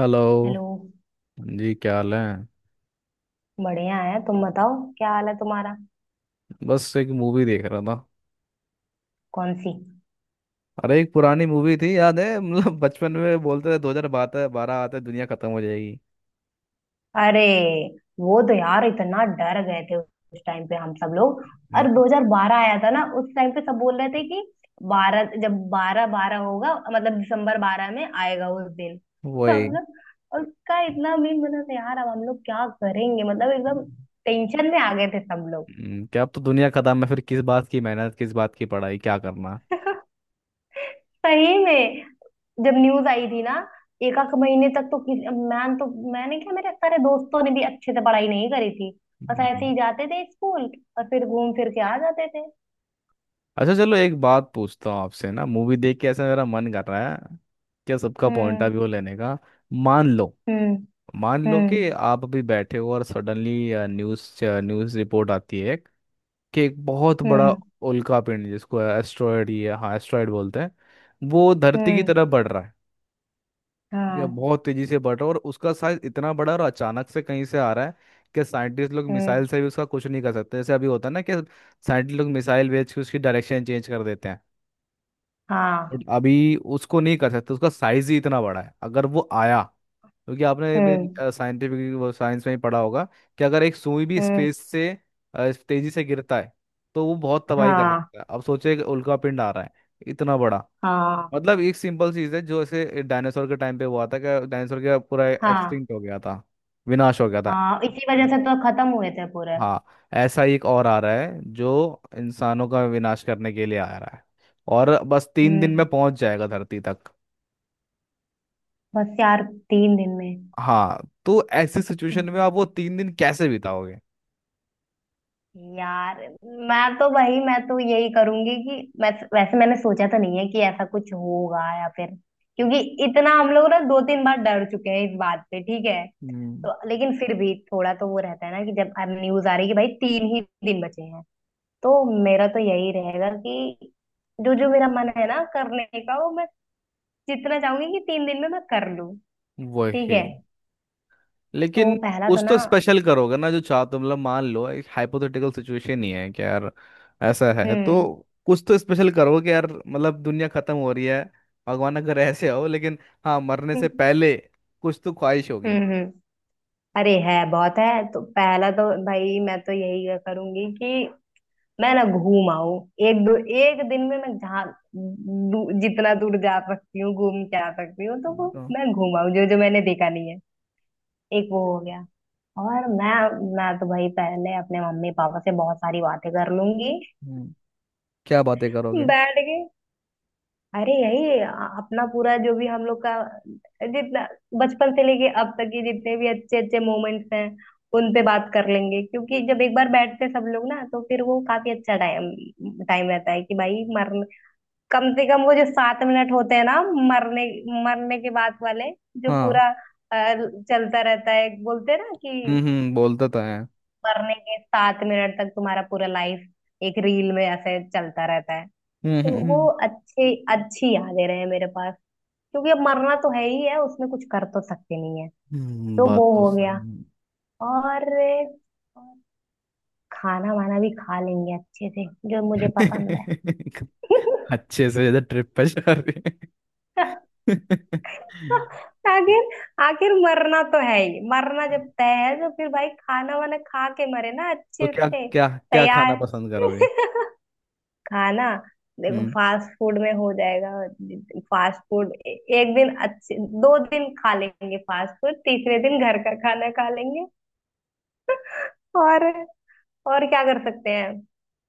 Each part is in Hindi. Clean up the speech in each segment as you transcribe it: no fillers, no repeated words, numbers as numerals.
हेलो। हेलो। हाँ जी, क्या हाल है? बढ़िया है, तुम बताओ क्या हाल है तुम्हारा। बस एक मूवी देख रहा था। कौन सी? अरे, एक पुरानी मूवी थी, याद है? मतलब बचपन में बोलते थे 2012, बारह आते दुनिया खत्म हो जाएगी। अरे वो तो यार इतना डर गए थे उस टाइम पे हम सब लोग। और नहीं। 2012 आया था ना, उस टाइम पे सब बोल रहे थे कि बारह जब बारह बारह होगा मतलब दिसंबर बारह में आएगा उस दिन। हम वही। लोग उसका इतना मीन बना था यार, अब हम लोग क्या करेंगे मतलब एकदम टेंशन में आ गए थे सब लोग। क्या, अब तो दुनिया खत्म है, फिर किस बात की मेहनत, किस बात की पढ़ाई, क्या करना। सही में। जब न्यूज आई थी ना एक आध महीने तक तो किस मैं तो मैंने क्या, मेरे सारे दोस्तों ने भी अच्छे से पढ़ाई नहीं करी थी। बस ऐसे हम्म। ही जाते थे स्कूल और फिर घूम फिर के आ जाते थे। अच्छा चलो, एक बात पूछता हूँ आपसे ना। मूवी देख के ऐसा मेरा मन कर रहा है, क्या सबका पॉइंट ऑफ हम्म। व्यू लेने का। मान लो। हम्म। मान लो हम्म। कि आप अभी बैठे हो और सडनली न्यूज़ न्यूज़ रिपोर्ट आती है कि एक बहुत बड़ा हम्म। उल्का पिंड, जिसको एस्ट्रॉयड, ये हाँ, एस्ट्रॉयड बोलते हैं, वो धरती की हम्म। तरफ बढ़ रहा है। ठीक है, हाँ। बहुत तेजी से बढ़ रहा है और उसका साइज इतना बड़ा, और अचानक से कहीं से आ रहा है कि साइंटिस्ट लोग हम्म। मिसाइल से भी उसका कुछ नहीं कर सकते, जैसे अभी होता है ना कि साइंटिस्ट लोग मिसाइल भेज के उसकी डायरेक्शन चेंज कर देते हैं। बट हाँ। अभी उसको नहीं कर सकते, उसका साइज ही इतना बड़ा है। अगर वो आया, क्योंकि आपने भी हम्म। साइंटिफिक, वो साइंस में ही पढ़ा होगा, कि अगर एक सुई भी हम्म। स्पेस से तेजी से गिरता है तो वो बहुत तबाही कर हाँ। सकता है। अब सोचिए, एक उल्कापिंड आ रहा है, इतना बड़ा। हाँ। मतलब एक सिंपल चीज है, जो ऐसे डायनासोर के टाइम पे हुआ था कि डायनासोर का पूरा हाँ। एक्सटिंक्ट हो गया था, विनाश हो गया था। हाँ इसी वजह से तो खत्म हुए थे पूरे। हाँ। ऐसा ही एक और आ रहा है, जो इंसानों का विनाश करने के लिए आ रहा है, और बस 3 दिन में हम्म। पहुंच जाएगा धरती तक। बस यार। तीन दिन में। हाँ। तो ऐसी सिचुएशन में आप वो 3 दिन कैसे बिताओगे? यार, मैं तो भाई, मैं तो यही करूंगी कि मैं, वैसे मैंने सोचा तो नहीं है कि ऐसा कुछ होगा या फिर, क्योंकि इतना हम लोग ना दो तीन बार डर चुके हैं इस बात पे, ठीक है। हम्म। तो लेकिन फिर भी थोड़ा तो वो रहता है ना कि जब न्यूज आ रही है कि भाई तीन ही दिन बचे हैं, तो मेरा तो यही रहेगा कि जो जो मेरा मन है ना करने का वो मैं जितना चाहूंगी कि तीन दिन में मैं कर लूं। ठीक वही। है। तो लेकिन पहला तो कुछ तो ना। स्पेशल करोगे ना, जो चाहते हो। मतलब मान लो, एक हाइपोथेटिकल सिचुएशन ही है कि यार ऐसा है, तो हम्म। कुछ तो स्पेशल करोगे कि यार मतलब दुनिया खत्म हो रही है। भगवान अगर ऐसे हो, लेकिन हाँ, मरने से हम्म। पहले कुछ तो ख्वाहिश होगी। हम्म। अरे है, बहुत है, तो पहला तो भाई मैं तो यही करूंगी कि मैं ना घूम आऊं। एक दो, एक दिन में मैं जहाँ जितना दूर जा सकती हूँ घूम के आ सकती हूँ तो वो तो मैं घूम आऊं, जो जो मैंने देखा नहीं है। एक वो हो गया। और मैं तो भाई पहले अपने मम्मी पापा से बहुत सारी बातें कर लूंगी हम्म, क्या बातें करोगे? बैठ के। अरे यही अपना पूरा जो भी हम लोग का, जितना बचपन से लेके अब तक के जितने भी अच्छे अच्छे मोमेंट्स हैं उन पे बात कर लेंगे, क्योंकि जब एक बार बैठते हैं सब लोग ना तो फिर वो काफी अच्छा टाइम टाइम रहता है कि भाई मरने, कम से कम वो जो सात मिनट होते हैं ना, मरने मरने के बाद वाले जो हाँ। पूरा चलता रहता है, बोलते हैं ना कि हम्म, बोलता तो है। मरने के सात मिनट तक तुम्हारा पूरा लाइफ एक रील में ऐसे चलता रहता है। तो वो हम्म। अच्छे, अच्छी यादें रहे मेरे पास, क्योंकि अब मरना तो है ही है, उसमें कुछ कर तो सकते नहीं है। तो बात वो तो हो गया। सही और और खाना वाना भी खा लेंगे अच्छे से जो मुझे है। पसंद है। अच्छे से इधर ट्रिप पे जा रहे हैं। आखिर, आखिर मरना तो है ही, मरना जब तय है तो फिर भाई खाना वाना खा के मरे ना तो अच्छे क्या से। क्या क्या खाना तैयार। पसंद करोगे? खाना। देखो हम्म। फास्ट फूड में हो जाएगा। फास्ट फूड एक दिन अच्छे, दो दिन खा लेंगे फास्ट फूड, तीसरे दिन घर का खाना खा लेंगे। और और क्या कर सकते हैं।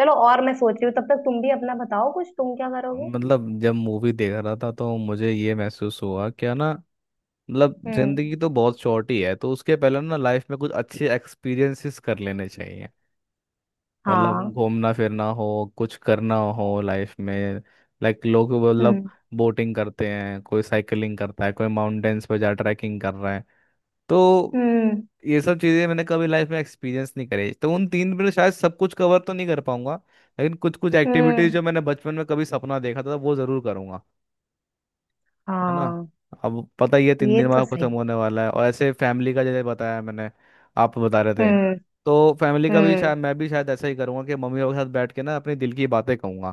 चलो, और मैं सोच रही हूँ तब तक तुम भी अपना बताओ, कुछ तुम क्या करोगे। मतलब जब मूवी देख रहा था तो मुझे ये महसूस हुआ, क्या ना, मतलब हम्म। जिंदगी तो बहुत शॉर्ट ही है, तो उसके पहले ना लाइफ में कुछ अच्छे एक्सपीरियंसेस कर लेने चाहिए। मतलब हाँ। घूमना फिरना हो, कुछ करना हो लाइफ में, लाइक लोग मतलब हम्म। बोटिंग करते हैं, कोई साइकिलिंग करता है, कोई माउंटेन्स पे जा ट्रैकिंग कर रहा है। तो हम्म। ये सब चीजें मैंने कभी लाइफ में एक्सपीरियंस नहीं करी, तो उन तीन में शायद सब कुछ कवर तो नहीं कर पाऊंगा, लेकिन कुछ कुछ एक्टिविटीज हम्म। जो मैंने बचपन में कभी सपना देखा था वो जरूर करूंगा। है ना। हाँ। अब पता ही है तीन ये दिन तो बाद सही। खत्म होने वाला है, और ऐसे फैमिली का, जैसे बताया मैंने, आप बता रहे थे। हम्म। तो फैमिली का भी हम्म। शायद, मैं भी शायद ऐसा ही करूंगा कि मम्मी पापा के साथ बैठ के ना अपने दिल की बातें कहूंगा,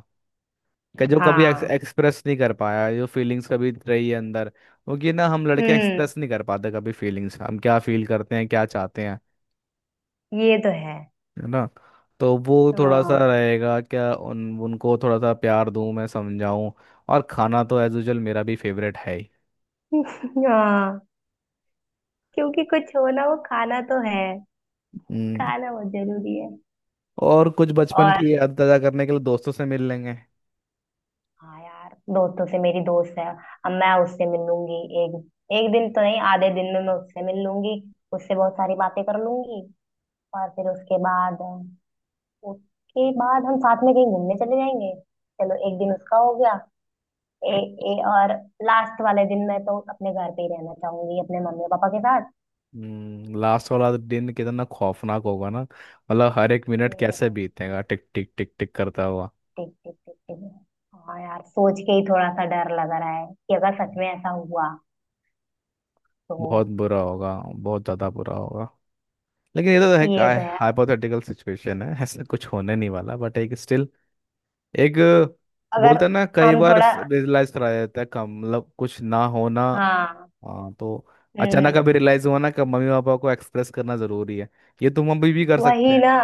कि जो कभी हाँ। एक्सप्रेस नहीं कर पाया, जो फीलिंग्स कभी रही है अंदर, क्योंकि ना हम लड़के हम्म। एक्सप्रेस नहीं कर पाते कभी फीलिंग्स, हम क्या फील करते हैं, क्या चाहते हैं। ये तो है। है ना। तो वो थोड़ा सा हाँ। रहेगा, क्या उन उनको थोड़ा सा प्यार दूं, मैं समझाऊं। और खाना तो एज यूजल मेरा भी फेवरेट है ही। हाँ, क्योंकि कुछ हो ना, वो खाना तो है। हम्म। खाना बहुत जरूरी है। और कुछ बचपन और की याद ताजा करने के लिए दोस्तों से मिल लेंगे। हाँ यार, दोस्तों से, मेरी दोस्त है, अब मैं उससे मिल लूंगी। एक एक दिन तो नहीं, आधे दिन में मैं उससे मिल लूंगी। उससे बहुत सारी बातें कर लूंगी और फिर उसके बाद हम साथ में कहीं घूमने चले जाएंगे। चलो एक दिन उसका हो गया। ए, ए, और लास्ट वाले दिन मैं तो अपने घर पे ही रहना चाहूंगी, अपने मम्मी पापा के साथ। लास्ट वाला दिन कितना खौफनाक होगा ना, मतलब हर एक मिनट ये तो कैसे है। बीतेगा, टिक टिक टिक टिक करता हुआ। टिक टिक टिक टिक। हाँ यार सोच के ही थोड़ा सा डर लग रहा है कि अगर सच में ऐसा हुआ तो। बहुत बुरा होगा, बहुत ज्यादा बुरा होगा। लेकिन ये तो ये है, तो है। हाइपोथेटिकल सिचुएशन है, ऐसा कुछ होने नहीं वाला, बट एक स्टिल, एक, बोलते अगर हैं ना, कई हम बार थोड़ा। रियलाइज कराया जाता है कम, मतलब कुछ ना होना। हाँ। हाँ, तो अचानक हम्म। अभी रियलाइज हुआ ना कि मम्मी पापा को एक्सप्रेस करना जरूरी है, ये तुम अभी भी कर सकते वही हैं। ना।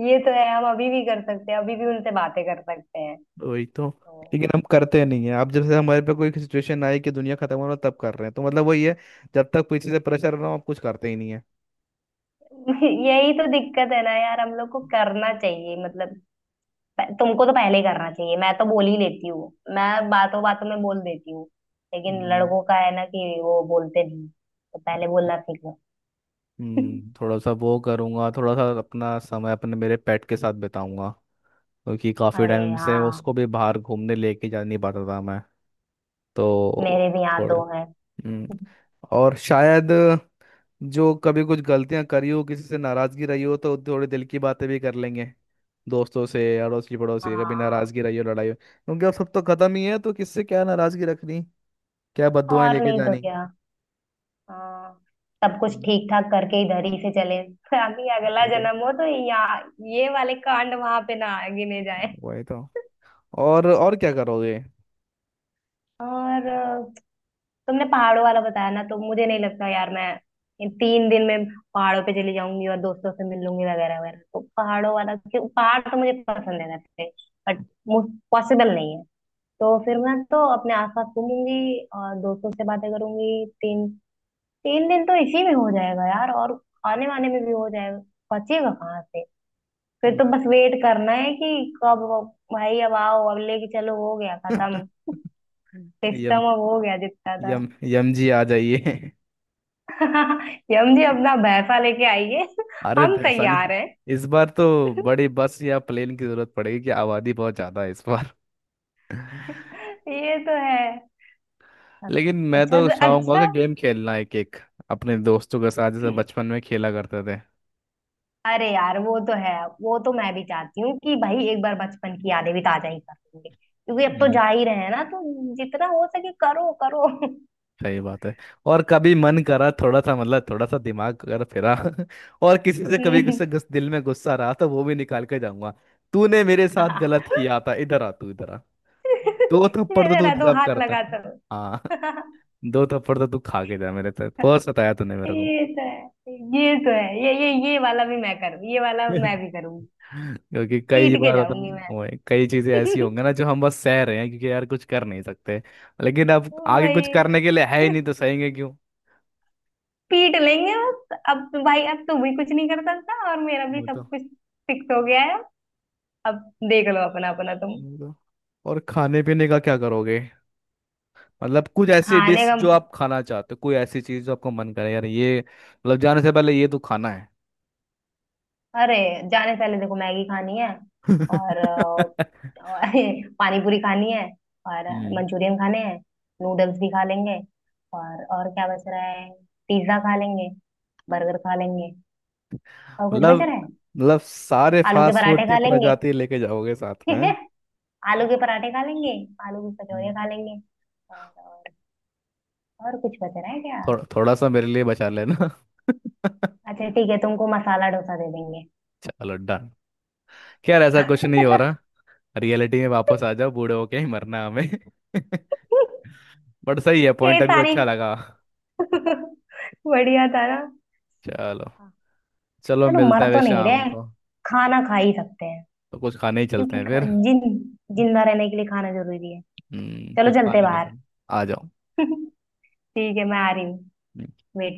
ये तो है, हम अभी भी कर सकते हैं, अभी भी उनसे बातें कर सकते हैं। वही तो, तो। लेकिन हम करते नहीं है, अब जब से हमारे पे कोई सिचुएशन आई कि दुनिया खत्म होना तब कर रहे हैं, तो मतलब वही है, जब तक पीछे से प्रेशर ना हो आप कुछ करते ही नहीं है। यही तो दिक्कत है ना यार, हम लोग को करना चाहिए मतलब, तुमको तो पहले करना चाहिए, मैं तो बोल ही लेती हूँ, मैं बातों बातों में बोल देती हूँ, लेकिन हम्म। लड़कों का है ना कि वो बोलते नहीं, तो पहले बोलना सीखो। थोड़ा सा वो करूंगा, थोड़ा सा अपना समय अपने मेरे पेट के साथ बिताऊंगा, क्योंकि काफी अरे टाइम से उसको हाँ। भी बाहर घूमने लेके जा नहीं पाता था मैं। मेरे तो भी यहाँ थोड़े। दो हैं। हम्म। और शायद, जो कभी कुछ गलतियां करी हो, किसी से नाराजगी रही हो, तो थोड़ी दिल की बातें भी कर लेंगे, दोस्तों से, अड़ोसी पड़ोसी कभी हाँ। नाराजगी रही हो, लड़ाई हो, क्योंकि अब सब तो खत्म ही है, तो किससे क्या नाराजगी रखनी, क्या बददुआएं और लेके नहीं तो जानी। क्या। हाँ। सब कुछ हम्म, ठीक ठाक करके इधर ही से चले, ताकि अगला वही तो। जन्म हो तो यहाँ ये वाले कांड वहां पे ना गिने जाए। वही तो। और क्या करोगे? और तुमने पहाड़ों वाला बताया ना, तो मुझे नहीं लगता यार, मैं इन तीन दिन में पहाड़ों पे चली जाऊंगी और दोस्तों से मिल लूंगी वगैरह वगैरह, तो पहाड़ों वाला क्यों, पहाड़ तो मुझे पसंद है वैसे, बट पॉसिबल नहीं है। तो फिर मैं तो अपने आसपास घूमूंगी और दोस्तों से बातें करूंगी, तीन तीन दिन तो इसी में हो जाएगा यार, और आने वाने में भी हो जाएगा, बचेगा कहाँ से। फिर हम्म। तो बस वेट करना है कि कब, भाई अब आओ, अब लेके चलो, हो गया खत्म यम। सिस्टम, अब हो गया जितना था। यम। यम जी आ जाइए। यम जी, अपना भैंसा लेके आइए, अरे हम भैसानी। तैयार हैं। इस बार तो बड़ी बस या प्लेन की जरूरत पड़ेगी कि आबादी बहुत ज्यादा है इस बार। ये तो है। लेकिन मैं अच्छा तो से चाहूंगा कि अच्छा। गेम खेलना एक एक अपने दोस्तों के साथ, जैसे बचपन में खेला करते थे। अरे यार वो तो है, वो तो मैं भी चाहती हूँ कि भाई एक बार बचपन की यादें भी ताजा ही कर लेंगे, क्योंकि अब तो हम्म, जा ही रहे हैं ना, तो जितना हो सके करो करो। सही बात है। और कभी मन करा थोड़ा सा, मतलब थोड़ा सा दिमाग अगर फिरा, और किसी से कभी हम्म। दिल में गुस्सा रहा तो वो भी निकाल के जाऊंगा। तूने मेरे साथ हाँ। गलत किया था, इधर आ, तू इधर आ। दो थप्पड़ तो तू जरा दो डिजर्व हाथ करता लगा, है। चलो। हाँ। दो थप्पड़ तो तू खा के जा, मेरे साथ बहुत सताया तूने मेरे को। ये तो है, ये तो है, ये वाला भी मैं करूँ, ये वाला मैं भी करूंगी। क्योंकि कई पीट के बार होता है जाऊंगी मैं। ना, कई चीजें ऐसी होंगी ना जो हम बस सह रहे हैं, क्योंकि यार कुछ कर नहीं सकते। लेकिन अब आगे कुछ वही। करने के लिए है ही नहीं, तो सहेंगे क्यों। पीट लेंगे बस, अब तो भाई अब तू भी कुछ नहीं कर सकता और मेरा भी वो तो। सब कुछ फिक्स हो गया है। अब देख लो अपना अपना तुम। वो तो। और खाने पीने का क्या करोगे? मतलब कुछ ऐसी खाने डिश का। जो आप खाना चाहते हो, कोई ऐसी चीज जो आपको मन करे, यार ये मतलब जाने से पहले ये तो खाना है। अरे, जाने से पहले देखो, मैगी खानी है हम्म और, और पानी पूरी खानी है। और मंचूरियन खाने हैं, नूडल्स भी खा लेंगे। और क्या बच रहा है। पिज्जा खा लेंगे, बर्गर खा लेंगे, और कुछ मतलब बच रहा है। मतलब सारे आलू के फास्ट फूड पराठे की खा लेंगे। प्रजाति लेके जाओगे साथ में? आलू के पराठे खा लेंगे, आलू की हम्म। कचौड़ियाँ खा लेंगे। और और कुछ बच रहा है क्या। थोड़ा थोड़ा सा मेरे लिए बचा लेना। अच्छा ठीक है, तुमको मसाला डोसा दे देंगे। चलो डन। क्या यार, ऐसा कुछ नहीं हो रहा, रियलिटी में वापस आ जाओ, बूढ़े होके ही मरना है हमें। बट सही है ये पॉइंट, अभी सारी। अच्छा लगा। बढ़िया था ना। चलो। चलो, चलो, मिलता मर है वे तो नहीं शाम रहे, को। खाना खा ही सकते हैं, तो कुछ खाने ही चलते क्योंकि हैं ख- फिर। जिन जिंदा रहने के लिए खाना जरूरी है। चलो कुछ चलते खाने चलते बाहर। हैं। आ जाओ। ठीक है मैं आ रही हूँ। वेट।